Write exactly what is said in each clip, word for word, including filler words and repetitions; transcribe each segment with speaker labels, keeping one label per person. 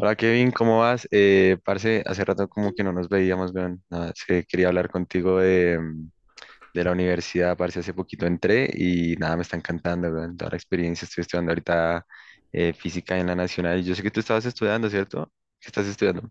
Speaker 1: Hola Kevin, ¿cómo vas? Eh, parce, hace rato como que no nos veíamos, weón. Nada, es que quería hablar contigo de, mm, de la universidad, parce, hace poquito entré y nada, me está encantando, weón. Toda la experiencia, estoy estudiando ahorita eh, física en la Nacional. y Yo sé que tú estabas estudiando, ¿cierto? ¿Qué estás estudiando?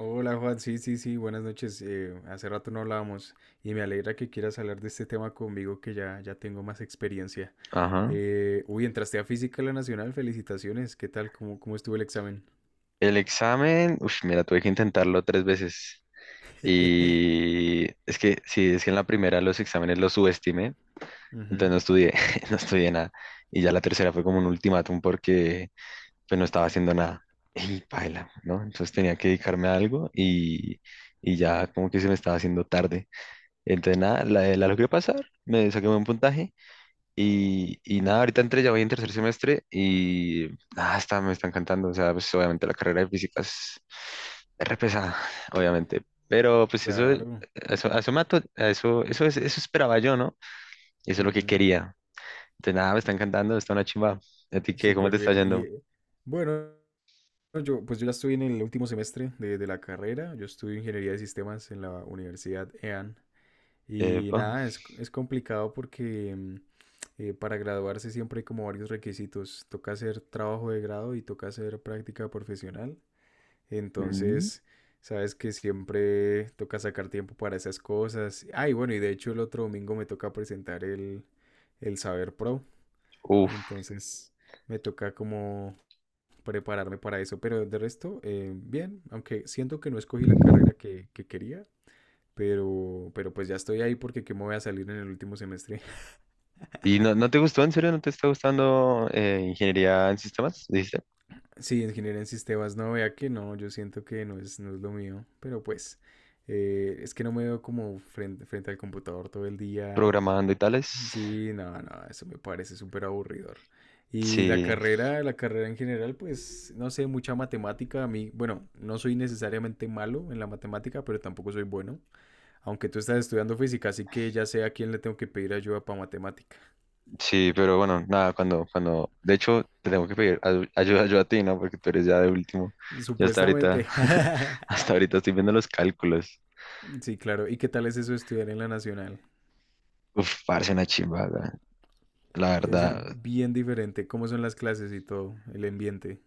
Speaker 2: Hola Juan, sí, sí, sí, buenas noches. eh, hace rato no hablábamos y me alegra que quieras hablar de este tema conmigo que ya, ya tengo más experiencia.
Speaker 1: Ajá.
Speaker 2: Eh, uy, entraste a Física de la Nacional, felicitaciones. ¿Qué tal? ¿Cómo, cómo estuvo el examen?
Speaker 1: El examen, uff, mira, tuve que intentarlo tres veces. Y es que, sí, es que en la primera los exámenes los subestimé, entonces
Speaker 2: Ujú,
Speaker 1: no estudié, no estudié nada. Y ya la tercera fue como un ultimátum porque pues no estaba haciendo nada. Y paila, ¿no? Entonces tenía que dedicarme a algo y, y ya como que se me estaba haciendo tarde. Entonces nada, la, la logré pasar, me saqué un puntaje y, y nada, ahorita entré, ya voy en tercer semestre y nada, está, me está encantando. O sea, pues obviamente la carrera de física es es re pesada, obviamente. Pero pues eso, eh,
Speaker 2: claro,
Speaker 1: eso, a eso, me ato- a eso, eso, es- eso esperaba yo, ¿no? Y eso es lo que
Speaker 2: ujú,
Speaker 1: quería. Entonces nada, me está encantando, está una chimba. ¿A ti qué? ¿Cómo
Speaker 2: súper
Speaker 1: te está
Speaker 2: bien. Y
Speaker 1: yendo?
Speaker 2: eh, bueno, yo pues yo ya estoy en el último semestre de, de la carrera. Yo estudio Ingeniería de Sistemas en la Universidad E A N. Y
Speaker 1: Epa.
Speaker 2: nada, es, es complicado porque mm, eh, para graduarse siempre hay como varios requisitos. Toca hacer trabajo de grado y toca hacer práctica profesional. Entonces, sabes que siempre toca sacar tiempo para esas cosas. Ay, bueno, y de hecho el otro domingo me toca presentar el, el Saber Pro.
Speaker 1: Uf.
Speaker 2: Entonces, me toca como prepararme para eso. Pero de resto, eh, bien, aunque siento que no escogí la carrera que, que quería, pero, pero pues ya estoy ahí porque ¿qué me voy a salir en el último semestre?
Speaker 1: ¿Y no, no te gustó? ¿En serio no te está gustando eh, ingeniería en sistemas? ¿Dijiste?
Speaker 2: Sí, ingeniería en sistemas, no, vea que no, yo siento que no es, no es lo mío, pero pues eh, es que no me veo como frente, frente al computador todo el día.
Speaker 1: Programando y tales.
Speaker 2: Sí, no, no, eso me parece súper aburridor. Y la
Speaker 1: Sí,
Speaker 2: carrera, la carrera en general, pues, no sé, mucha matemática. A mí, bueno, no soy necesariamente malo en la matemática, pero tampoco soy bueno. Aunque tú estás estudiando física, así que ya sé a quién le tengo que pedir ayuda para matemática.
Speaker 1: sí, pero bueno, nada, cuando, cuando, de hecho, te tengo que pedir ayu- ayuda yo a ti, ¿no? Porque tú eres ya de último. Yo hasta ahorita,
Speaker 2: Supuestamente.
Speaker 1: hasta ahorita estoy viendo los cálculos.
Speaker 2: Sí, claro. ¿Y qué tal es eso estudiar en la nacional?
Speaker 1: Uf, parece una chimba, weón. La
Speaker 2: Debe ser
Speaker 1: verdad.
Speaker 2: bien diferente. ¿Cómo son las clases y todo? El ambiente.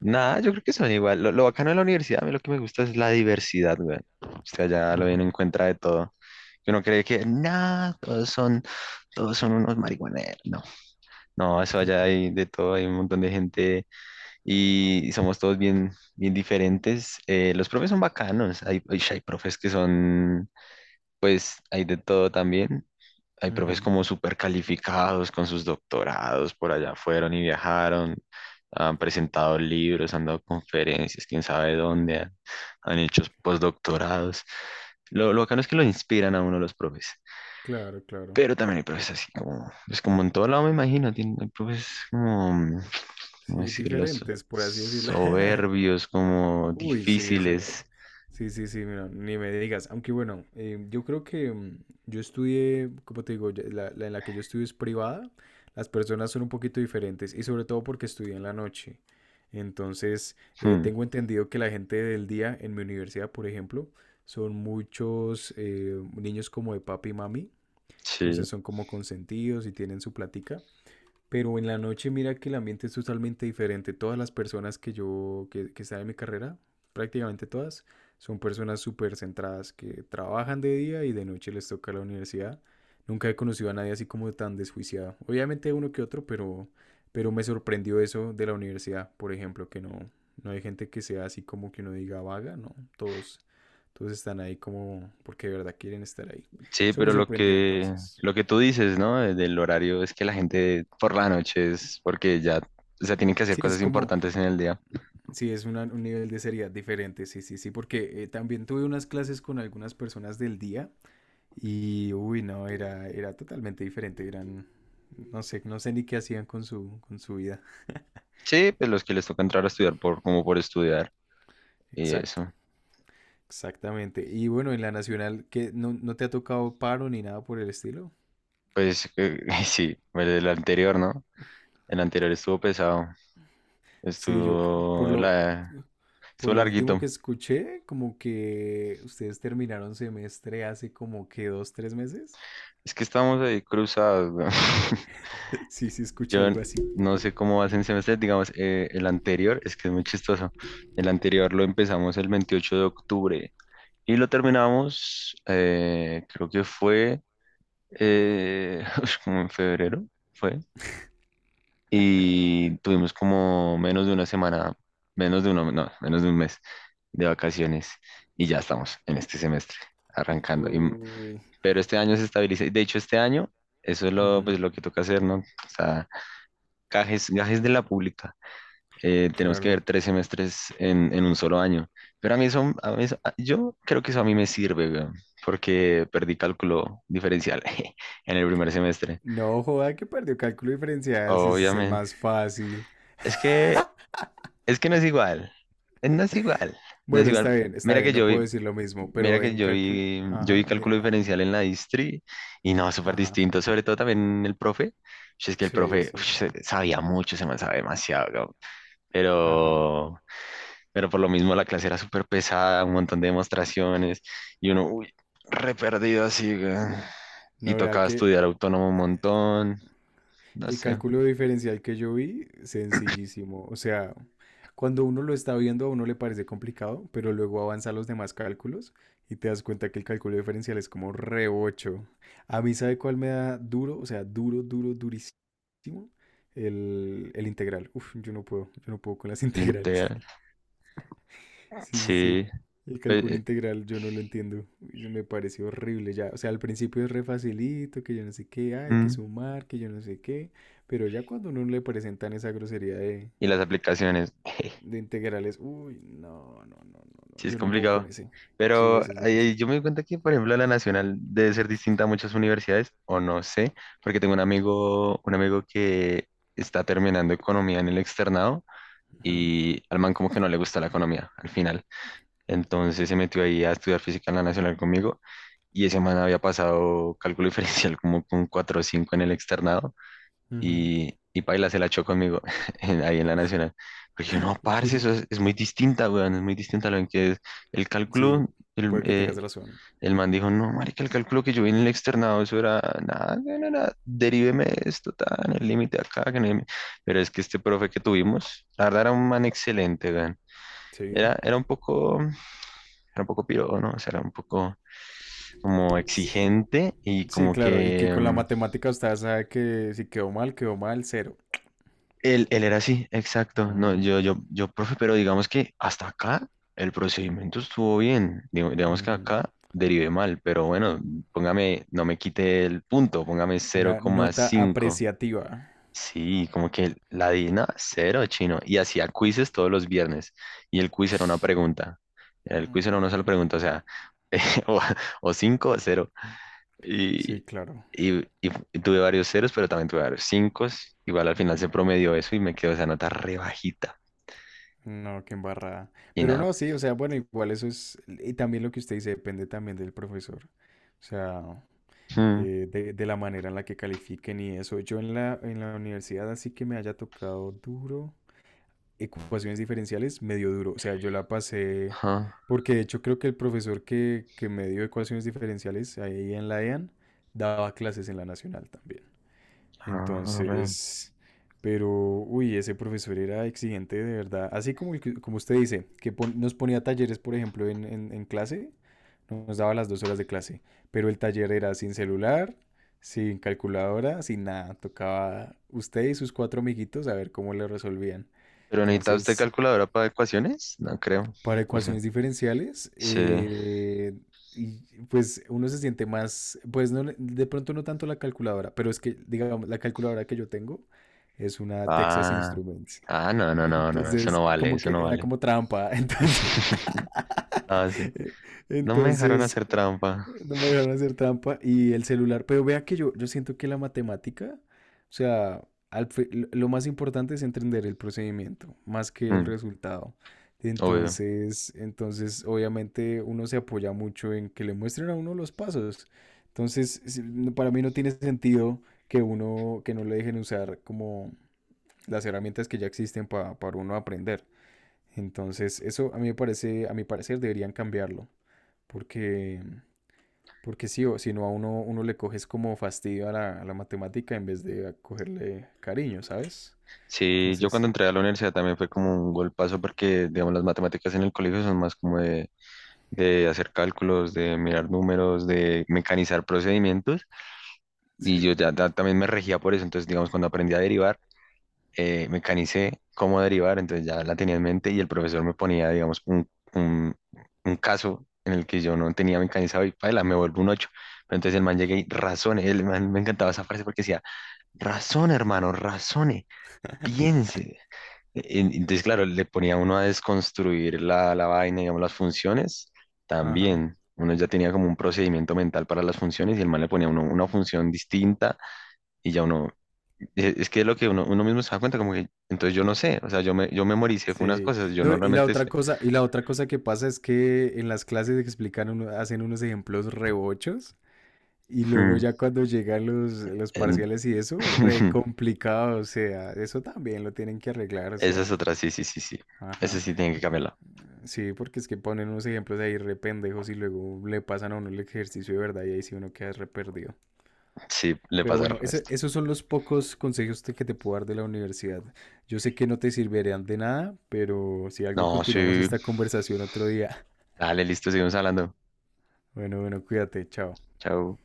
Speaker 1: Nada, yo creo que son igual. Lo, lo bacano de la universidad, a mí lo que me gusta es la diversidad, güey. O sea, ya lo bien
Speaker 2: Ujú.
Speaker 1: encuentra de todo. Yo no cree que nada, todos son todos son unos marihuaneros. No, no, eso allá hay de todo, hay un montón de gente y somos todos bien, bien diferentes. Eh, los profes son bacanos, hay, hay, hay profes que son, pues, hay de todo también. Hay profes
Speaker 2: Ujú.
Speaker 1: como súper calificados con sus doctorados, por allá fueron y viajaron, han presentado libros, han dado conferencias, quién sabe dónde, han, han hecho postdoctorados. Lo, lo bacano es que lo inspiran a uno los profes.
Speaker 2: Claro, claro.
Speaker 1: Pero también hay profes así como, es como en todo lado me imagino, tienen, hay profes como, ¿cómo
Speaker 2: Sí,
Speaker 1: decirlo? So-
Speaker 2: diferentes, por así decirlo.
Speaker 1: soberbios, como
Speaker 2: Uy, sí, eso.
Speaker 1: difíciles.
Speaker 2: Sí, sí, sí, mira, ni me digas. Aunque bueno, eh, yo creo que mm, yo estudié, como te digo, ya- la, la en la que yo estudio es privada, las personas son un poquito diferentes y sobre todo porque estudié en la noche. Entonces, eh,
Speaker 1: Hmm,
Speaker 2: tengo entendido que la gente del día en mi universidad, por ejemplo, son muchos eh, niños como de papi y mami.
Speaker 1: sí,
Speaker 2: Entonces son como consentidos y tienen su plática. Pero en la noche mira que el ambiente es totalmente diferente. Todas las personas que yo, que, que están en mi carrera, prácticamente todas, son personas súper centradas que trabajan de día y de noche les toca la universidad. Nunca he conocido a nadie así como tan desjuiciado. Obviamente uno que otro, pero, pero me sorprendió eso de la universidad, por ejemplo, que no, no hay gente que sea así como que uno diga vaga, no, todos, todos están ahí como porque de verdad quieren estar ahí.
Speaker 1: sí,
Speaker 2: Eso me
Speaker 1: pero lo
Speaker 2: sorprendió
Speaker 1: que,
Speaker 2: entonces.
Speaker 1: lo que tú dices, ¿no? de- Del horario es que la gente por la noche es porque ya, o sea, tienen que hacer
Speaker 2: Sí, es
Speaker 1: cosas
Speaker 2: como.
Speaker 1: importantes en el día.
Speaker 2: Sí, es una- un nivel de seriedad diferente, sí, sí, sí, porque eh, también tuve unas clases con algunas personas del día y, uy, no, era, era totalmente diferente, eran, no sé, no sé ni qué hacían con su, con su vida.
Speaker 1: Sí, pues los que les toca entrar a estudiar por, como por estudiar y
Speaker 2: Exacto,
Speaker 1: eso.
Speaker 2: exactamente. Y bueno, en la nacional, ¿qué, no, no te ha tocado paro ni nada por el estilo?
Speaker 1: Pues eh, sí, el el anterior, ¿no? El anterior estuvo pesado.
Speaker 2: Sí, yo, por
Speaker 1: Estuvo
Speaker 2: lo,
Speaker 1: la,
Speaker 2: por
Speaker 1: Estuvo
Speaker 2: lo último
Speaker 1: larguito.
Speaker 2: que escuché, como que ustedes terminaron semestre hace como que dos, tres meses.
Speaker 1: Es que estamos ahí cruzados. Weón.
Speaker 2: Sí, sí, escuché
Speaker 1: Yo n-
Speaker 2: algo así.
Speaker 1: no sé cómo vas en semestre, digamos, eh, el anterior, es que es muy chistoso. El anterior lo empezamos el veintiocho de octubre y lo terminamos, eh, creo que fue eh, como en febrero, fue. Y tuvimos como menos de una semana, menos de uno, no, menos de un mes de vacaciones y ya estamos en este semestre arrancando. Y
Speaker 2: Uy,
Speaker 1: pero este año se estabiliza. y De hecho, este año, eso es lo,
Speaker 2: ujú,
Speaker 1: pues, lo que toca hacer, ¿no? O sea, gajes, gajes de la pública. Eh, tenemos que ver
Speaker 2: claro.
Speaker 1: tres semestres en, en un solo año. Pero a mí eso, a mí eso- a- yo creo que eso a mí me sirve, weón, porque perdí cálculo diferencial en el primer semestre.
Speaker 2: No joda que perdió cálculo diferencial, si ese es el
Speaker 1: Obviamente.
Speaker 2: más fácil.
Speaker 1: Es que, es que no es igual. Eh, No es igual. No es
Speaker 2: Bueno, está
Speaker 1: igual.
Speaker 2: bien, está
Speaker 1: Mira
Speaker 2: bien,
Speaker 1: que
Speaker 2: no
Speaker 1: yo
Speaker 2: puedo
Speaker 1: vi-
Speaker 2: decir lo mismo,
Speaker 1: Mira
Speaker 2: pero
Speaker 1: que
Speaker 2: en
Speaker 1: yo
Speaker 2: cálculo.
Speaker 1: vi, yo
Speaker 2: Ajá,
Speaker 1: vi
Speaker 2: de...
Speaker 1: cálculo
Speaker 2: a-
Speaker 1: diferencial en la distri y no, súper
Speaker 2: ajá,
Speaker 1: distinto, sobre todo también el profe. Ush, es que el
Speaker 2: sí,
Speaker 1: profe
Speaker 2: sí,
Speaker 1: ush,
Speaker 2: sí.
Speaker 1: se- sabía mucho, se me sabe demasiado, cabrón.
Speaker 2: Ajá.
Speaker 1: Pero, pero por lo mismo la clase era súper pesada, un montón de demostraciones y uno, uy, re perdido así, weón. Y
Speaker 2: No vea
Speaker 1: tocaba
Speaker 2: que
Speaker 1: estudiar autónomo un montón, no
Speaker 2: el
Speaker 1: sé,
Speaker 2: cálculo diferencial que yo vi, sencillísimo. O sea, cuando uno lo está viendo a uno le parece complicado, pero luego avanza a los demás cálculos y te das cuenta que el cálculo diferencial es como re ocho. A mí, ¿sabe cuál me da duro? O sea, duro, duro, el, el integral. Uf, yo no puedo, yo no puedo con las
Speaker 1: el
Speaker 2: integrales.
Speaker 1: integral.
Speaker 2: Sí, sí, sí.
Speaker 1: Sí,
Speaker 2: El
Speaker 1: pues,
Speaker 2: cálculo
Speaker 1: eh,
Speaker 2: integral yo no lo entiendo. Uy, se me pareció horrible ya. O sea, al principio es re facilito, que yo no sé qué, ah, hay que
Speaker 1: mm,
Speaker 2: sumar, que yo no sé qué. Pero ya cuando uno le presentan esa grosería de,
Speaker 1: y las aplicaciones.
Speaker 2: de integrales, uy, no, no, no, no, no.
Speaker 1: Sí, es
Speaker 2: Yo no puedo con
Speaker 1: complicado.
Speaker 2: ese. Sí,
Speaker 1: Pero
Speaker 2: ese es
Speaker 1: eh,
Speaker 2: difícil.
Speaker 1: yo me doy cuenta que, por ejemplo, la nacional debe ser distinta a muchas universidades, o no sé, porque tengo un amigo, un amigo que está terminando economía en el externado
Speaker 2: Ujú,
Speaker 1: y al man como que no le gusta la economía al final. Entonces se metió ahí a estudiar física en la nacional conmigo y ese man había pasado cálculo diferencial como con cuatro o cinco en el externado
Speaker 2: ujú.
Speaker 1: y, y paila se la echó conmigo en- ahí en la Nacional. Porque yo, no, parce,
Speaker 2: Uy,
Speaker 1: eso es, es muy distinta, weón, es muy distinta a lo que es el
Speaker 2: sí,
Speaker 1: cálculo. El,
Speaker 2: puede que
Speaker 1: eh,
Speaker 2: tengas razón.
Speaker 1: el man dijo, no, marica, el cálculo que yo vi en el externado, eso era nada, no, no, nada, deríveme esto, tan, el límite acá, que no hay... Pero es que este profe que tuvimos, la verdad era un man excelente, weón.
Speaker 2: Sí.
Speaker 1: Era, era un poco, era un poco piro, ¿no? O sea, era un poco como exigente y
Speaker 2: Sí,
Speaker 1: como
Speaker 2: claro, y que
Speaker 1: que...
Speaker 2: con la
Speaker 1: mm,
Speaker 2: matemática usted sabe que si quedó mal, quedó mal, cero.
Speaker 1: Él, él era así, exacto. No,
Speaker 2: Ujú,
Speaker 1: yo, yo, yo, profe, pero digamos que hasta acá el procedimiento estuvo bien. Digo- Digamos que
Speaker 2: ujú.
Speaker 1: acá derivé mal, pero bueno, póngame, no me quite el punto, póngame cero
Speaker 2: Una
Speaker 1: coma
Speaker 2: nota
Speaker 1: cinco.
Speaker 2: apreciativa.
Speaker 1: Sí, como que la D I N A, cero chino. Y hacía quizzes todos los viernes. Y el quiz era una pregunta. El quiz era
Speaker 2: Mm.
Speaker 1: una sola pregunta, o sea, o, o cinco o cero.
Speaker 2: Sí,
Speaker 1: Y,
Speaker 2: claro.
Speaker 1: y, y fu- y tuve varios ceros, pero también tuve varios cinco. Igual al final se promedió eso y me quedó esa nota re bajita.
Speaker 2: No, qué embarrada.
Speaker 1: Y
Speaker 2: Pero
Speaker 1: nada.
Speaker 2: no, sí, o sea, bueno, igual eso es, y también lo que usted dice depende también del profesor. O sea,
Speaker 1: Hmm,
Speaker 2: eh, de, de la manera en la que califiquen y eso. Yo en la, en la universidad así que me haya tocado duro. Ecuaciones diferenciales, me dio duro. O sea, yo la pasé,
Speaker 1: ajá,
Speaker 2: porque de hecho creo que el profesor que, que me dio ecuaciones diferenciales ahí en la E A N daba clases en la Nacional también.
Speaker 1: ajá, re.
Speaker 2: Entonces, pero, uy, ese profesor era exigente de verdad. Así como, el que- como usted dice, que pon- nos ponía talleres, por ejemplo, en, en, en clase, nos daba las dos horas de clase, pero el taller era sin celular. Sin calculadora, sin nada. Tocaba usted y sus cuatro amiguitos a ver cómo le resolvían.
Speaker 1: ¿Pero necesita usted
Speaker 2: Entonces,
Speaker 1: calculadora para ecuaciones? No creo.
Speaker 2: para
Speaker 1: No sé.
Speaker 2: ecuaciones diferenciales,
Speaker 1: Sí.
Speaker 2: eh, y pues uno se siente más, pues no, le- de pronto no tanto la calculadora, pero es que, digamos, la calculadora que yo tengo es una Texas
Speaker 1: Ah,
Speaker 2: Instruments.
Speaker 1: ah, no, no, no, no, no, eso
Speaker 2: Entonces,
Speaker 1: no vale,
Speaker 2: como
Speaker 1: eso
Speaker 2: que
Speaker 1: no
Speaker 2: era
Speaker 1: vale.
Speaker 2: como trampa. Entonces,
Speaker 1: Ah, sí. No me dejaron
Speaker 2: entonces
Speaker 1: hacer trampa.
Speaker 2: no me dejaron hacer trampa y el celular, pero vea que yo, yo siento que la matemática, o sea, al fi- lo lo más importante es entender el procedimiento, más que el
Speaker 1: Mm,
Speaker 2: resultado.
Speaker 1: obvio.
Speaker 2: Entonces, entonces, obviamente uno se apoya mucho en que le muestren a uno los pasos. Entonces, si- no- para mí no tiene sentido que uno, que no le dejen usar como las herramientas que ya existen pa- para uno aprender. Entonces, eso a mí me parece, a mi parecer deberían cambiarlo, porque porque sí, o si no a uno, uno le coges como fastidio a la, a la matemática en vez de a cogerle cariño, ¿sabes?
Speaker 1: Sí, yo cuando
Speaker 2: Entonces,
Speaker 1: entré a la universidad también fue como un golpazo porque, digamos, las matemáticas en el colegio son más como de de hacer cálculos, de mirar números, de mecanizar procedimientos. Y
Speaker 2: sí,
Speaker 1: yo ya, ta- también me regía por eso. Entonces, digamos, cuando aprendí a derivar, eh, mecanicé cómo derivar, entonces ya la tenía en mente y el profesor me ponía, digamos, un, un, un caso en el que yo no tenía mecanizado y paila, me vuelvo un ocho. Pero entonces el man llegué y razone, el man me encantaba esa frase porque decía, razone, hermano, razone, piense en- entonces, claro, le ponía uno a desconstruir la, la vaina, digamos, las funciones,
Speaker 2: ajá.
Speaker 1: también. Uno ya tenía como un procedimiento mental para las funciones y el man le ponía a uno una función distinta y ya uno, e- es que es lo que uno, uno mismo se da cuenta, como que, entonces yo no sé, o sea, yo, me, yo memoricé unas
Speaker 2: Sí.
Speaker 1: cosas, yo
Speaker 2: No, y la
Speaker 1: normalmente
Speaker 2: otra
Speaker 1: sé.
Speaker 2: cosa, y la otra cosa que pasa es que en las clases explican uno, hacen unos ejemplos rebochos y luego
Speaker 1: Hmm,
Speaker 2: ya cuando llegan los, los
Speaker 1: en...
Speaker 2: parciales y eso, re complicado, o sea, eso también lo tienen que arreglar, o
Speaker 1: Esa es
Speaker 2: sea,
Speaker 1: otra, sí, sí, sí, sí. Esa
Speaker 2: ajá.
Speaker 1: sí tiene que
Speaker 2: Por-
Speaker 1: cambiarla.
Speaker 2: Sí, porque es que ponen unos ejemplos ahí re pendejos y luego le pasan a uno el ejercicio de verdad y ahí sí uno queda re perdido.
Speaker 1: Sí, le
Speaker 2: Pero
Speaker 1: pasa al
Speaker 2: bueno, ese-
Speaker 1: resto.
Speaker 2: esos son los pocos consejos te- que te puedo dar de la universidad. Yo sé que no te servirán de nada, pero si algo
Speaker 1: No,
Speaker 2: continuamos
Speaker 1: sí.
Speaker 2: esta conversación otro día.
Speaker 1: Dale, listo, seguimos hablando.
Speaker 2: Bueno, bueno, cuídate, chao.
Speaker 1: Chao.